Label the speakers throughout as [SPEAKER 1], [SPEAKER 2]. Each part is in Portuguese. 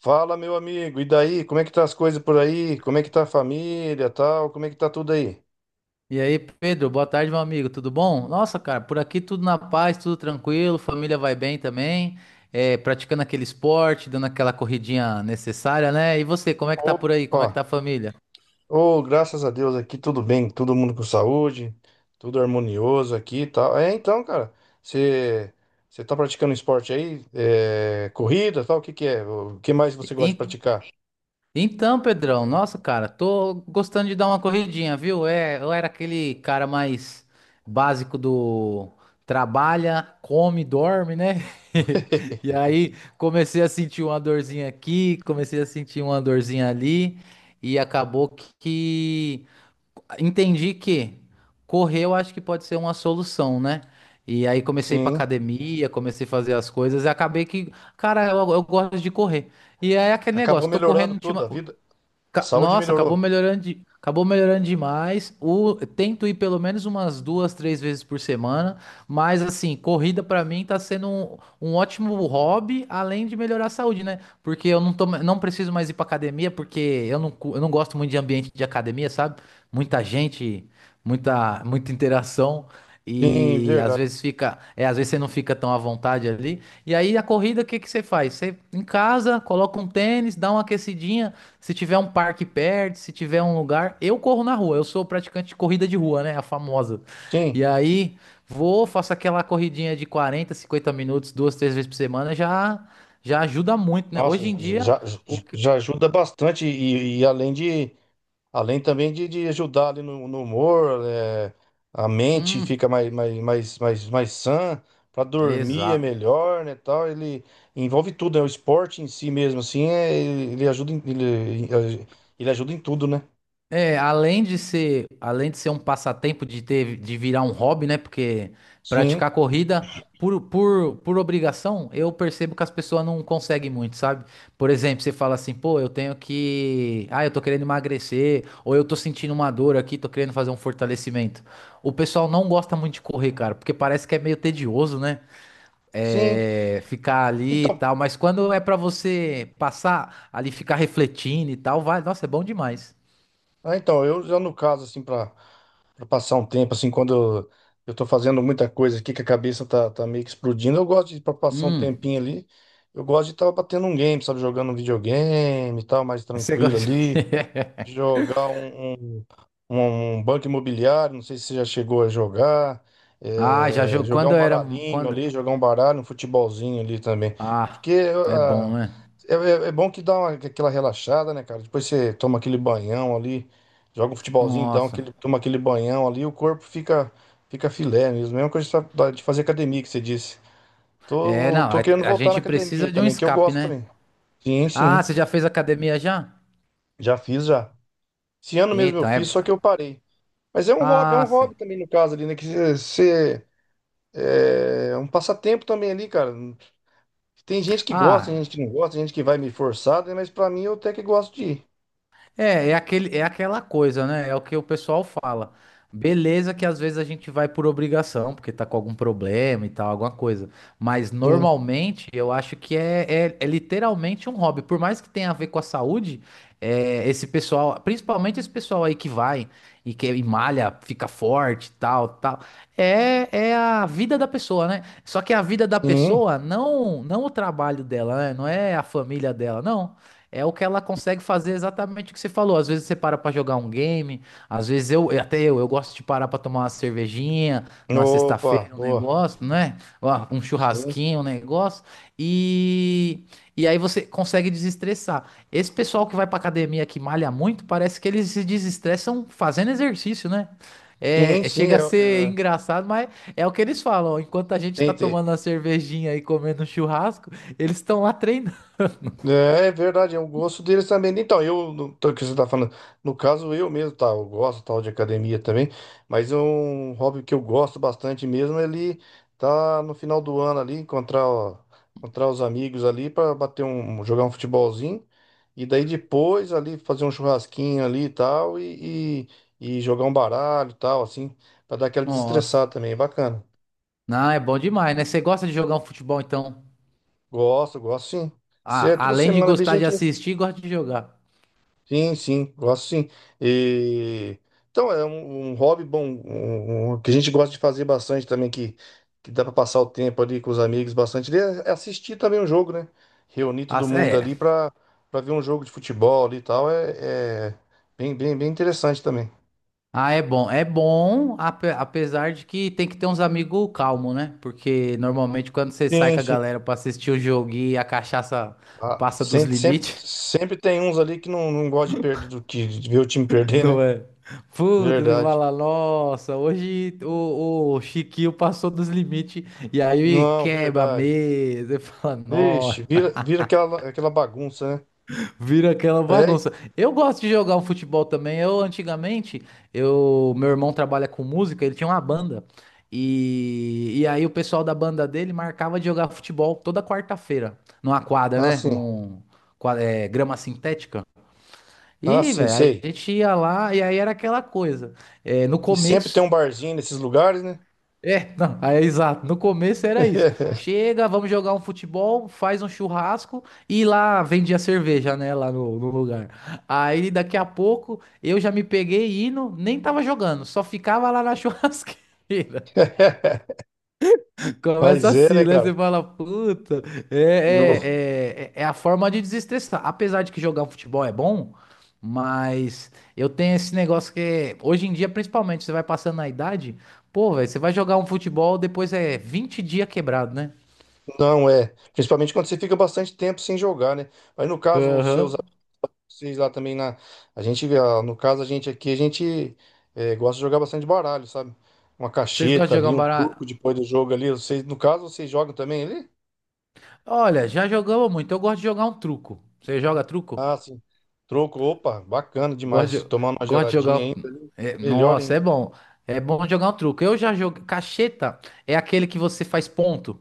[SPEAKER 1] Fala, meu amigo. E daí? Como é que tá as coisas por aí? Como é que tá a família, tal? Como é que tá tudo aí?
[SPEAKER 2] E aí, Pedro, boa tarde, meu amigo, tudo bom? Nossa, cara, por aqui tudo na paz, tudo tranquilo, família vai bem também, praticando aquele esporte, dando aquela corridinha necessária, né? E você, como é que tá por aí?
[SPEAKER 1] Opa!
[SPEAKER 2] Como é que tá a família?
[SPEAKER 1] Oh, graças a Deus aqui tudo bem, todo mundo com saúde, tudo harmonioso aqui, e tal. É, então, cara, você você tá praticando esporte aí? É, corrida, tal? O que que é? O que mais você gosta de
[SPEAKER 2] E-
[SPEAKER 1] praticar?
[SPEAKER 2] Então, Pedrão, nossa, cara, tô gostando de dar uma corridinha, viu? Eu era aquele cara mais básico do trabalha, come, dorme, né? E aí comecei a sentir uma dorzinha aqui, comecei a sentir uma dorzinha ali, e acabou que entendi que correr eu acho que pode ser uma solução, né? E aí comecei a ir pra
[SPEAKER 1] Sim.
[SPEAKER 2] academia, comecei a fazer as coisas e acabei que, cara, eu gosto de correr. E é aquele
[SPEAKER 1] Acabou
[SPEAKER 2] negócio,
[SPEAKER 1] melhorando tudo, a vida, a saúde
[SPEAKER 2] Nossa,
[SPEAKER 1] melhorou.
[SPEAKER 2] acabou melhorando, acabou melhorando demais. O, tento ir pelo menos umas duas, três vezes por semana, mas assim, corrida pra mim tá sendo um ótimo hobby, além de melhorar a saúde, né? Porque eu não tô, não preciso mais ir pra academia, porque eu não, eu não gosto muito de ambiente de academia, sabe? Muita gente, muita interação.
[SPEAKER 1] Sim,
[SPEAKER 2] E às
[SPEAKER 1] verdade.
[SPEAKER 2] vezes fica, às vezes você não fica tão à vontade ali. E aí a corrida, o que que você faz? Você em casa, coloca um tênis, dá uma aquecidinha. Se tiver um parque perto, se tiver um lugar, eu corro na rua. Eu sou praticante de corrida de rua, né? A famosa.
[SPEAKER 1] Sim.
[SPEAKER 2] E aí, vou, faço aquela corridinha de 40, 50 minutos, duas, três vezes por semana, já ajuda muito, né?
[SPEAKER 1] Nossa,
[SPEAKER 2] Hoje em dia,
[SPEAKER 1] já, já
[SPEAKER 2] o que.
[SPEAKER 1] já ajuda bastante e além de Além também de ajudar ali no humor, é, a mente fica
[SPEAKER 2] Hum,
[SPEAKER 1] mais sã, para dormir é
[SPEAKER 2] exato.
[SPEAKER 1] melhor, né, tal. Ele envolve tudo, né? O esporte em si mesmo, assim, é, ele ajuda em, ele ajuda em tudo, né?
[SPEAKER 2] É, além de ser um passatempo de ter, de virar um hobby, né? Porque
[SPEAKER 1] Sim,
[SPEAKER 2] praticar corrida por obrigação, eu percebo que as pessoas não conseguem muito, sabe? Por exemplo, você fala assim, pô, eu tenho que, ah, eu tô querendo emagrecer, ou eu tô sentindo uma dor aqui, tô querendo fazer um fortalecimento. O pessoal não gosta muito de correr, cara, porque parece que é meio tedioso, né?
[SPEAKER 1] sim.
[SPEAKER 2] É, ficar ali e
[SPEAKER 1] Então,
[SPEAKER 2] tal, mas quando é pra você passar ali, ficar refletindo e tal, vai, nossa, é bom demais.
[SPEAKER 1] então eu já no caso, assim, para pra passar um tempo, assim, quando eu eu tô fazendo muita coisa aqui, que a cabeça tá meio que explodindo, eu gosto de, pra passar um
[SPEAKER 2] Hum.
[SPEAKER 1] tempinho ali, eu gosto de estar batendo um game, sabe? Jogando um videogame e tal, mais
[SPEAKER 2] Você
[SPEAKER 1] tranquilo
[SPEAKER 2] gosta?
[SPEAKER 1] ali jogar um banco imobiliário, não sei se você já chegou a jogar,
[SPEAKER 2] Ah, já jogou
[SPEAKER 1] jogar
[SPEAKER 2] quando
[SPEAKER 1] um
[SPEAKER 2] eu era
[SPEAKER 1] baralhinho
[SPEAKER 2] quando
[SPEAKER 1] ali, jogar um baralho, um futebolzinho ali também.
[SPEAKER 2] Ah,
[SPEAKER 1] Porque
[SPEAKER 2] é bom,
[SPEAKER 1] ah,
[SPEAKER 2] né?
[SPEAKER 1] é bom que dá aquela relaxada, né, cara? Depois você toma aquele banhão ali, joga um futebolzinho, dá
[SPEAKER 2] Nossa.
[SPEAKER 1] aquele, toma aquele banhão ali, o corpo fica, fica filé mesmo. Mesma coisa de fazer academia que você disse.
[SPEAKER 2] É,
[SPEAKER 1] Tô,
[SPEAKER 2] não,
[SPEAKER 1] tô querendo
[SPEAKER 2] a
[SPEAKER 1] voltar na
[SPEAKER 2] gente
[SPEAKER 1] academia
[SPEAKER 2] precisa
[SPEAKER 1] aí
[SPEAKER 2] de um
[SPEAKER 1] também, que eu
[SPEAKER 2] escape,
[SPEAKER 1] gosto
[SPEAKER 2] né?
[SPEAKER 1] também. Sim,
[SPEAKER 2] Ah,
[SPEAKER 1] sim.
[SPEAKER 2] você já fez academia já?
[SPEAKER 1] Já fiz já. Esse ano mesmo eu
[SPEAKER 2] Então, é
[SPEAKER 1] fiz, só que eu parei. Mas é um
[SPEAKER 2] Ah, sim.
[SPEAKER 1] hobby também no caso ali, né? Que você é um passatempo também ali, cara. Tem gente que gosta, tem
[SPEAKER 2] Ah,
[SPEAKER 1] gente que não gosta, tem gente que vai me forçar, né? Mas pra mim eu até que gosto de ir.
[SPEAKER 2] É, é aquela coisa, né? É o que o pessoal fala. Beleza que às vezes a gente vai por obrigação, porque tá com algum problema e tal, alguma coisa. Mas
[SPEAKER 1] Sim,
[SPEAKER 2] normalmente eu acho que é literalmente um hobby. Por mais que tenha a ver com a saúde, é, esse pessoal, principalmente esse pessoal aí que vai e malha, fica forte e tal, tal. É, é a vida da pessoa, né? Só que a vida da
[SPEAKER 1] sim.
[SPEAKER 2] pessoa, não, não o trabalho dela, né? Não é a família dela, não. É o que ela consegue fazer exatamente o que você falou. Às vezes você para pra jogar um game, às vezes eu, eu gosto de parar pra tomar uma cervejinha numa
[SPEAKER 1] Opa,
[SPEAKER 2] sexta-feira, um
[SPEAKER 1] boa.
[SPEAKER 2] negócio, né? Ó, um
[SPEAKER 1] Sim,
[SPEAKER 2] churrasquinho, um negócio. E, e aí você consegue desestressar. Esse pessoal que vai pra academia que malha muito, parece que eles se desestressam fazendo exercício, né?
[SPEAKER 1] sim, sim.
[SPEAKER 2] Chega a ser engraçado, mas é o que eles falam. Enquanto a gente
[SPEAKER 1] Tem,
[SPEAKER 2] tá
[SPEAKER 1] tem-
[SPEAKER 2] tomando uma cervejinha e comendo um churrasco, eles estão lá treinando.
[SPEAKER 1] É, é verdade, é um gosto deles também. Então, eu, no, o que você tá falando, no caso eu mesmo, tá, eu gosto tal de academia também, mas é um hobby que eu gosto bastante mesmo, ele tá no final do ano ali, encontrar, ó, encontrar os amigos ali para bater jogar um futebolzinho, e daí depois ali fazer um churrasquinho ali e tal, e jogar um baralho e tal, assim, para dar aquela
[SPEAKER 2] Nossa.
[SPEAKER 1] desestressada também, é bacana.
[SPEAKER 2] Não, é bom demais, né? Você gosta de jogar um futebol, então.
[SPEAKER 1] Gosto, gosto sim. Se é
[SPEAKER 2] Ah,
[SPEAKER 1] toda
[SPEAKER 2] além de
[SPEAKER 1] semana ali,
[SPEAKER 2] gostar de
[SPEAKER 1] gente.
[SPEAKER 2] assistir, gosta de jogar.
[SPEAKER 1] Sim, sim, gosto sim. E, então, é um hobby bom, um que a gente gosta de fazer bastante também, que dá para passar o tempo ali com os amigos bastante, é assistir também um jogo, né? Reunir
[SPEAKER 2] Ah,
[SPEAKER 1] todo mundo
[SPEAKER 2] é.
[SPEAKER 1] ali para ver um jogo de futebol ali e tal, é, é bem interessante também.
[SPEAKER 2] Ah, é bom. É bom, apesar de que tem que ter uns amigos calmos, né? Porque normalmente quando você sai
[SPEAKER 1] Sim,
[SPEAKER 2] com a
[SPEAKER 1] sim.
[SPEAKER 2] galera pra assistir o jogo e a cachaça
[SPEAKER 1] Ah,
[SPEAKER 2] passa dos
[SPEAKER 1] sempre, sempre,
[SPEAKER 2] limites,
[SPEAKER 1] sempre tem uns ali que não gosta de perder, do que, de ver o time perder, né?
[SPEAKER 2] não é? Puta, você
[SPEAKER 1] Verdade.
[SPEAKER 2] fala, nossa, hoje o Chiquinho passou dos limites e aí
[SPEAKER 1] Não,
[SPEAKER 2] quebra a
[SPEAKER 1] verdade.
[SPEAKER 2] mesa. Você fala,
[SPEAKER 1] Vixe, vira aquela, aquela bagunça, né?
[SPEAKER 2] vira aquela
[SPEAKER 1] É,
[SPEAKER 2] bagunça. Eu gosto de jogar um futebol também. Eu antigamente, meu irmão trabalha com música, ele tinha uma banda. E aí o pessoal da banda dele marcava de jogar futebol toda quarta-feira, numa quadra, né?
[SPEAKER 1] assim.
[SPEAKER 2] É, grama sintética.
[SPEAKER 1] Ah,
[SPEAKER 2] E,
[SPEAKER 1] sim,
[SPEAKER 2] velho, a
[SPEAKER 1] sei.
[SPEAKER 2] gente ia lá e aí era aquela coisa. É, no
[SPEAKER 1] E sempre tem um
[SPEAKER 2] começo.
[SPEAKER 1] barzinho nesses lugares, né?
[SPEAKER 2] É, não, é exato. No começo era isso. Chega, vamos jogar um futebol, faz um churrasco e lá vendia cerveja, né? Lá no lugar. Aí daqui a pouco eu já me peguei indo, nem tava jogando, só ficava lá na churrasqueira. Começa
[SPEAKER 1] Mas é,
[SPEAKER 2] assim,
[SPEAKER 1] né,
[SPEAKER 2] né? Você
[SPEAKER 1] cara?
[SPEAKER 2] fala, puta,
[SPEAKER 1] Não,
[SPEAKER 2] é a forma de desestressar. Apesar de que jogar um futebol é bom, mas eu tenho esse negócio hoje em dia, principalmente, você vai passando na idade, pô, velho, você vai jogar um futebol, depois é 20 dias quebrado, né?
[SPEAKER 1] não é. Principalmente quando você fica bastante tempo sem jogar, né? Mas no caso, os seus,
[SPEAKER 2] Aham.
[SPEAKER 1] vocês lá também na. A gente, no caso, a gente aqui, a gente gosta de jogar bastante baralho, sabe? Uma
[SPEAKER 2] Vocês gostam de
[SPEAKER 1] cacheta
[SPEAKER 2] jogar
[SPEAKER 1] ali,
[SPEAKER 2] um
[SPEAKER 1] um
[SPEAKER 2] baralho?
[SPEAKER 1] truco depois do jogo ali. Vocês, no caso, vocês jogam também ali?
[SPEAKER 2] Olha, já jogamos muito. Eu gosto de jogar um truco. Você joga truco?
[SPEAKER 1] Ah, sim. Troco, opa, bacana
[SPEAKER 2] Gosto
[SPEAKER 1] demais.
[SPEAKER 2] de,
[SPEAKER 1] Tomar uma
[SPEAKER 2] gosto de jogar.
[SPEAKER 1] geladinha ainda,
[SPEAKER 2] É,
[SPEAKER 1] melhor
[SPEAKER 2] nossa, é
[SPEAKER 1] ainda.
[SPEAKER 2] bom. É bom jogar um truco. Eu já joguei. Cacheta é aquele que você faz ponto.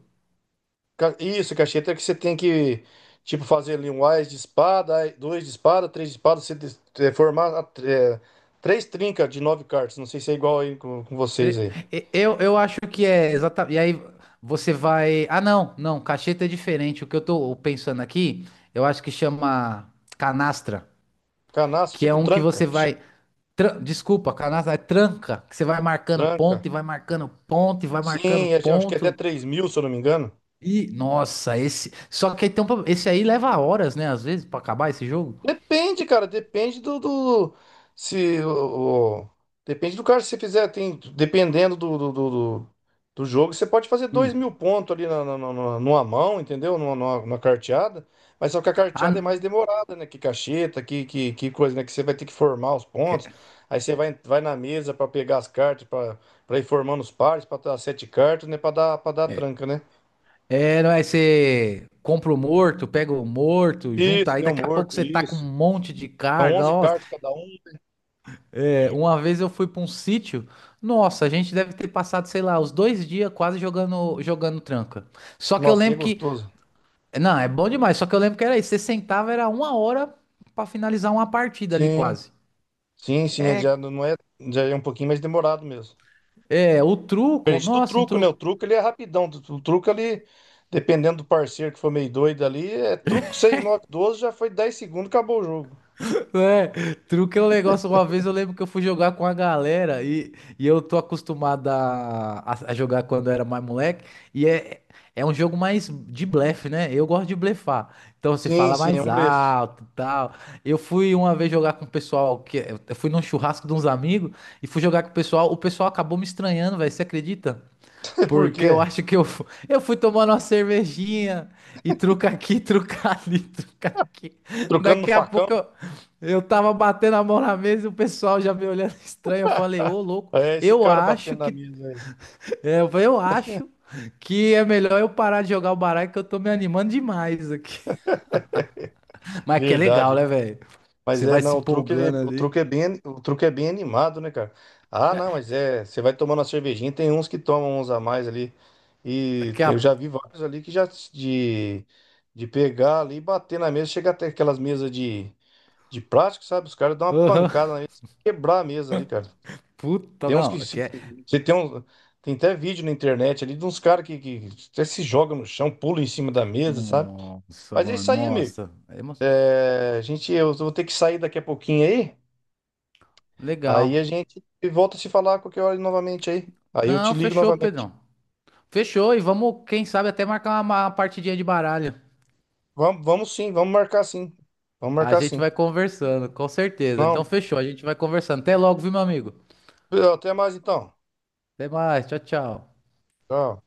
[SPEAKER 1] Isso, cacheta é que você tem que, tipo, fazer ali um ás de espada, dois de espada, três de espada, você formar três trincas de nove cartas. Não sei se é igual aí com vocês
[SPEAKER 2] E-
[SPEAKER 1] aí.
[SPEAKER 2] eu acho que é exatamente. E aí você vai. Ah, não, não, cacheta é diferente. O que eu tô pensando aqui, eu acho que chama canastra,
[SPEAKER 1] Canaço,
[SPEAKER 2] que é
[SPEAKER 1] tipo
[SPEAKER 2] um que
[SPEAKER 1] tranca,
[SPEAKER 2] você
[SPEAKER 1] que chama
[SPEAKER 2] vai. Desculpa, canastra é tranca, que você vai marcando
[SPEAKER 1] tranca.
[SPEAKER 2] ponto e vai marcando ponto e vai marcando
[SPEAKER 1] Sim, acho que é até
[SPEAKER 2] ponto.
[SPEAKER 1] 3.000, se eu não me engano.
[SPEAKER 2] E, nossa, esse. Só que aí tem um... esse aí leva horas, né? Às vezes, pra acabar esse jogo.
[SPEAKER 1] Depende, cara, depende se depende do cara que você fizer, tem dependendo do- do jogo, você pode fazer dois
[SPEAKER 2] Hum.
[SPEAKER 1] mil pontos ali numa mão, entendeu? Numa carteada, mas só que a
[SPEAKER 2] Ah,
[SPEAKER 1] carteada é mais
[SPEAKER 2] n-
[SPEAKER 1] demorada, né? Que cacheta, que coisa, né? Que você vai ter que formar os pontos,
[SPEAKER 2] é.
[SPEAKER 1] aí você vai, vai na mesa pra pegar as cartas, pra ir formando os pares, pra dar sete cartas, né? Para dar tranca, né?
[SPEAKER 2] É, não é? Você compra o morto, pega o morto, junta
[SPEAKER 1] Isso,
[SPEAKER 2] aí,
[SPEAKER 1] deu
[SPEAKER 2] daqui a pouco
[SPEAKER 1] morto,
[SPEAKER 2] você tá com
[SPEAKER 1] isso.
[SPEAKER 2] um monte de
[SPEAKER 1] São
[SPEAKER 2] carne.
[SPEAKER 1] 11
[SPEAKER 2] Nossa,
[SPEAKER 1] cartas cada um.
[SPEAKER 2] é, uma vez eu fui pra um sítio, nossa, a gente deve ter passado, sei lá, os dois dias quase jogando, jogando tranca. Só que eu
[SPEAKER 1] Nossa, e é
[SPEAKER 2] lembro que,
[SPEAKER 1] gostoso.
[SPEAKER 2] não, é bom demais, só que eu lembro que era isso, você sentava, era uma hora pra finalizar uma partida ali
[SPEAKER 1] Sim.
[SPEAKER 2] quase.
[SPEAKER 1] Sim, sim, ele
[SPEAKER 2] É,
[SPEAKER 1] já não é, já é um pouquinho mais demorado mesmo.
[SPEAKER 2] o truco,
[SPEAKER 1] Diferente do
[SPEAKER 2] nossa, um
[SPEAKER 1] truco, né? O
[SPEAKER 2] truco.
[SPEAKER 1] truco ele é rapidão. O truco ali, dependendo do parceiro que for meio doido ali, é truco 6 9 12 já foi 10 segundos, acabou o jogo.
[SPEAKER 2] É, truque é um negócio. Uma vez eu lembro que eu fui jogar com a galera e eu tô acostumado a jogar quando eu era mais moleque. E é, é um jogo mais de blefe, né? Eu gosto de blefar. Então você
[SPEAKER 1] Sim,
[SPEAKER 2] fala
[SPEAKER 1] sim, é
[SPEAKER 2] mais
[SPEAKER 1] um blefe.
[SPEAKER 2] alto e tal. Eu fui uma vez jogar com o pessoal que eu fui num churrasco de uns amigos e fui jogar com o pessoal. O pessoal acabou me estranhando, velho. Você acredita?
[SPEAKER 1] Por
[SPEAKER 2] Porque eu
[SPEAKER 1] quê?
[SPEAKER 2] acho que eu, eu fui tomando uma cervejinha e truca aqui, truca ali, truca aqui.
[SPEAKER 1] Trocando no
[SPEAKER 2] Daqui a
[SPEAKER 1] facão?
[SPEAKER 2] pouco eu tava batendo a mão na mesa e o pessoal já me olhando estranho. Eu falei, ô louco,
[SPEAKER 1] É esse
[SPEAKER 2] eu
[SPEAKER 1] cara
[SPEAKER 2] acho
[SPEAKER 1] batendo na
[SPEAKER 2] que.
[SPEAKER 1] mesa aí.
[SPEAKER 2] Eu falei, eu acho que é melhor eu parar de jogar o baralho que eu tô me animando demais aqui. Mas que é legal,
[SPEAKER 1] Verdade.
[SPEAKER 2] né, velho?
[SPEAKER 1] Mas
[SPEAKER 2] Você
[SPEAKER 1] é,
[SPEAKER 2] vai
[SPEAKER 1] não,
[SPEAKER 2] se
[SPEAKER 1] o truque,
[SPEAKER 2] empolgando
[SPEAKER 1] o
[SPEAKER 2] ali.
[SPEAKER 1] truque é bem, o truque é bem animado, né, cara? Ah, não, mas é, você vai tomando a cervejinha, tem uns que tomam uns a mais ali. E
[SPEAKER 2] Daqui a.
[SPEAKER 1] eu já vi vários ali que já de pegar ali e bater na mesa, chega até aquelas mesas de, plástico, sabe? Os caras dão uma
[SPEAKER 2] Aham.
[SPEAKER 1] pancada na mesa, quebrar a mesa ali, cara.
[SPEAKER 2] Puta,
[SPEAKER 1] Tem uns
[SPEAKER 2] não.
[SPEAKER 1] que
[SPEAKER 2] Aqui
[SPEAKER 1] se,
[SPEAKER 2] é...
[SPEAKER 1] você tem tem até vídeo na internet ali de uns caras que até se jogam no chão, pulam em cima da mesa, sabe?
[SPEAKER 2] Nossa,
[SPEAKER 1] Mas é
[SPEAKER 2] mano,
[SPEAKER 1] isso aí, amigo.
[SPEAKER 2] nossa.
[SPEAKER 1] É, a gente, eu vou ter que sair daqui a pouquinho aí. Aí a
[SPEAKER 2] Legal.
[SPEAKER 1] gente volta a se falar a qualquer hora novamente aí. Aí eu te
[SPEAKER 2] Não,
[SPEAKER 1] ligo
[SPEAKER 2] fechou,
[SPEAKER 1] novamente.
[SPEAKER 2] Pedrão. Fechou e vamos, quem sabe, até marcar uma partidinha de baralho.
[SPEAKER 1] Vamos, vamos sim, vamos marcar sim. Vamos
[SPEAKER 2] A
[SPEAKER 1] marcar
[SPEAKER 2] gente
[SPEAKER 1] sim.
[SPEAKER 2] vai conversando, com certeza. Então
[SPEAKER 1] Não,
[SPEAKER 2] fechou, a gente vai conversando. Até logo, viu, meu amigo?
[SPEAKER 1] até mais então.
[SPEAKER 2] Até mais, tchau, tchau.
[SPEAKER 1] Tchau.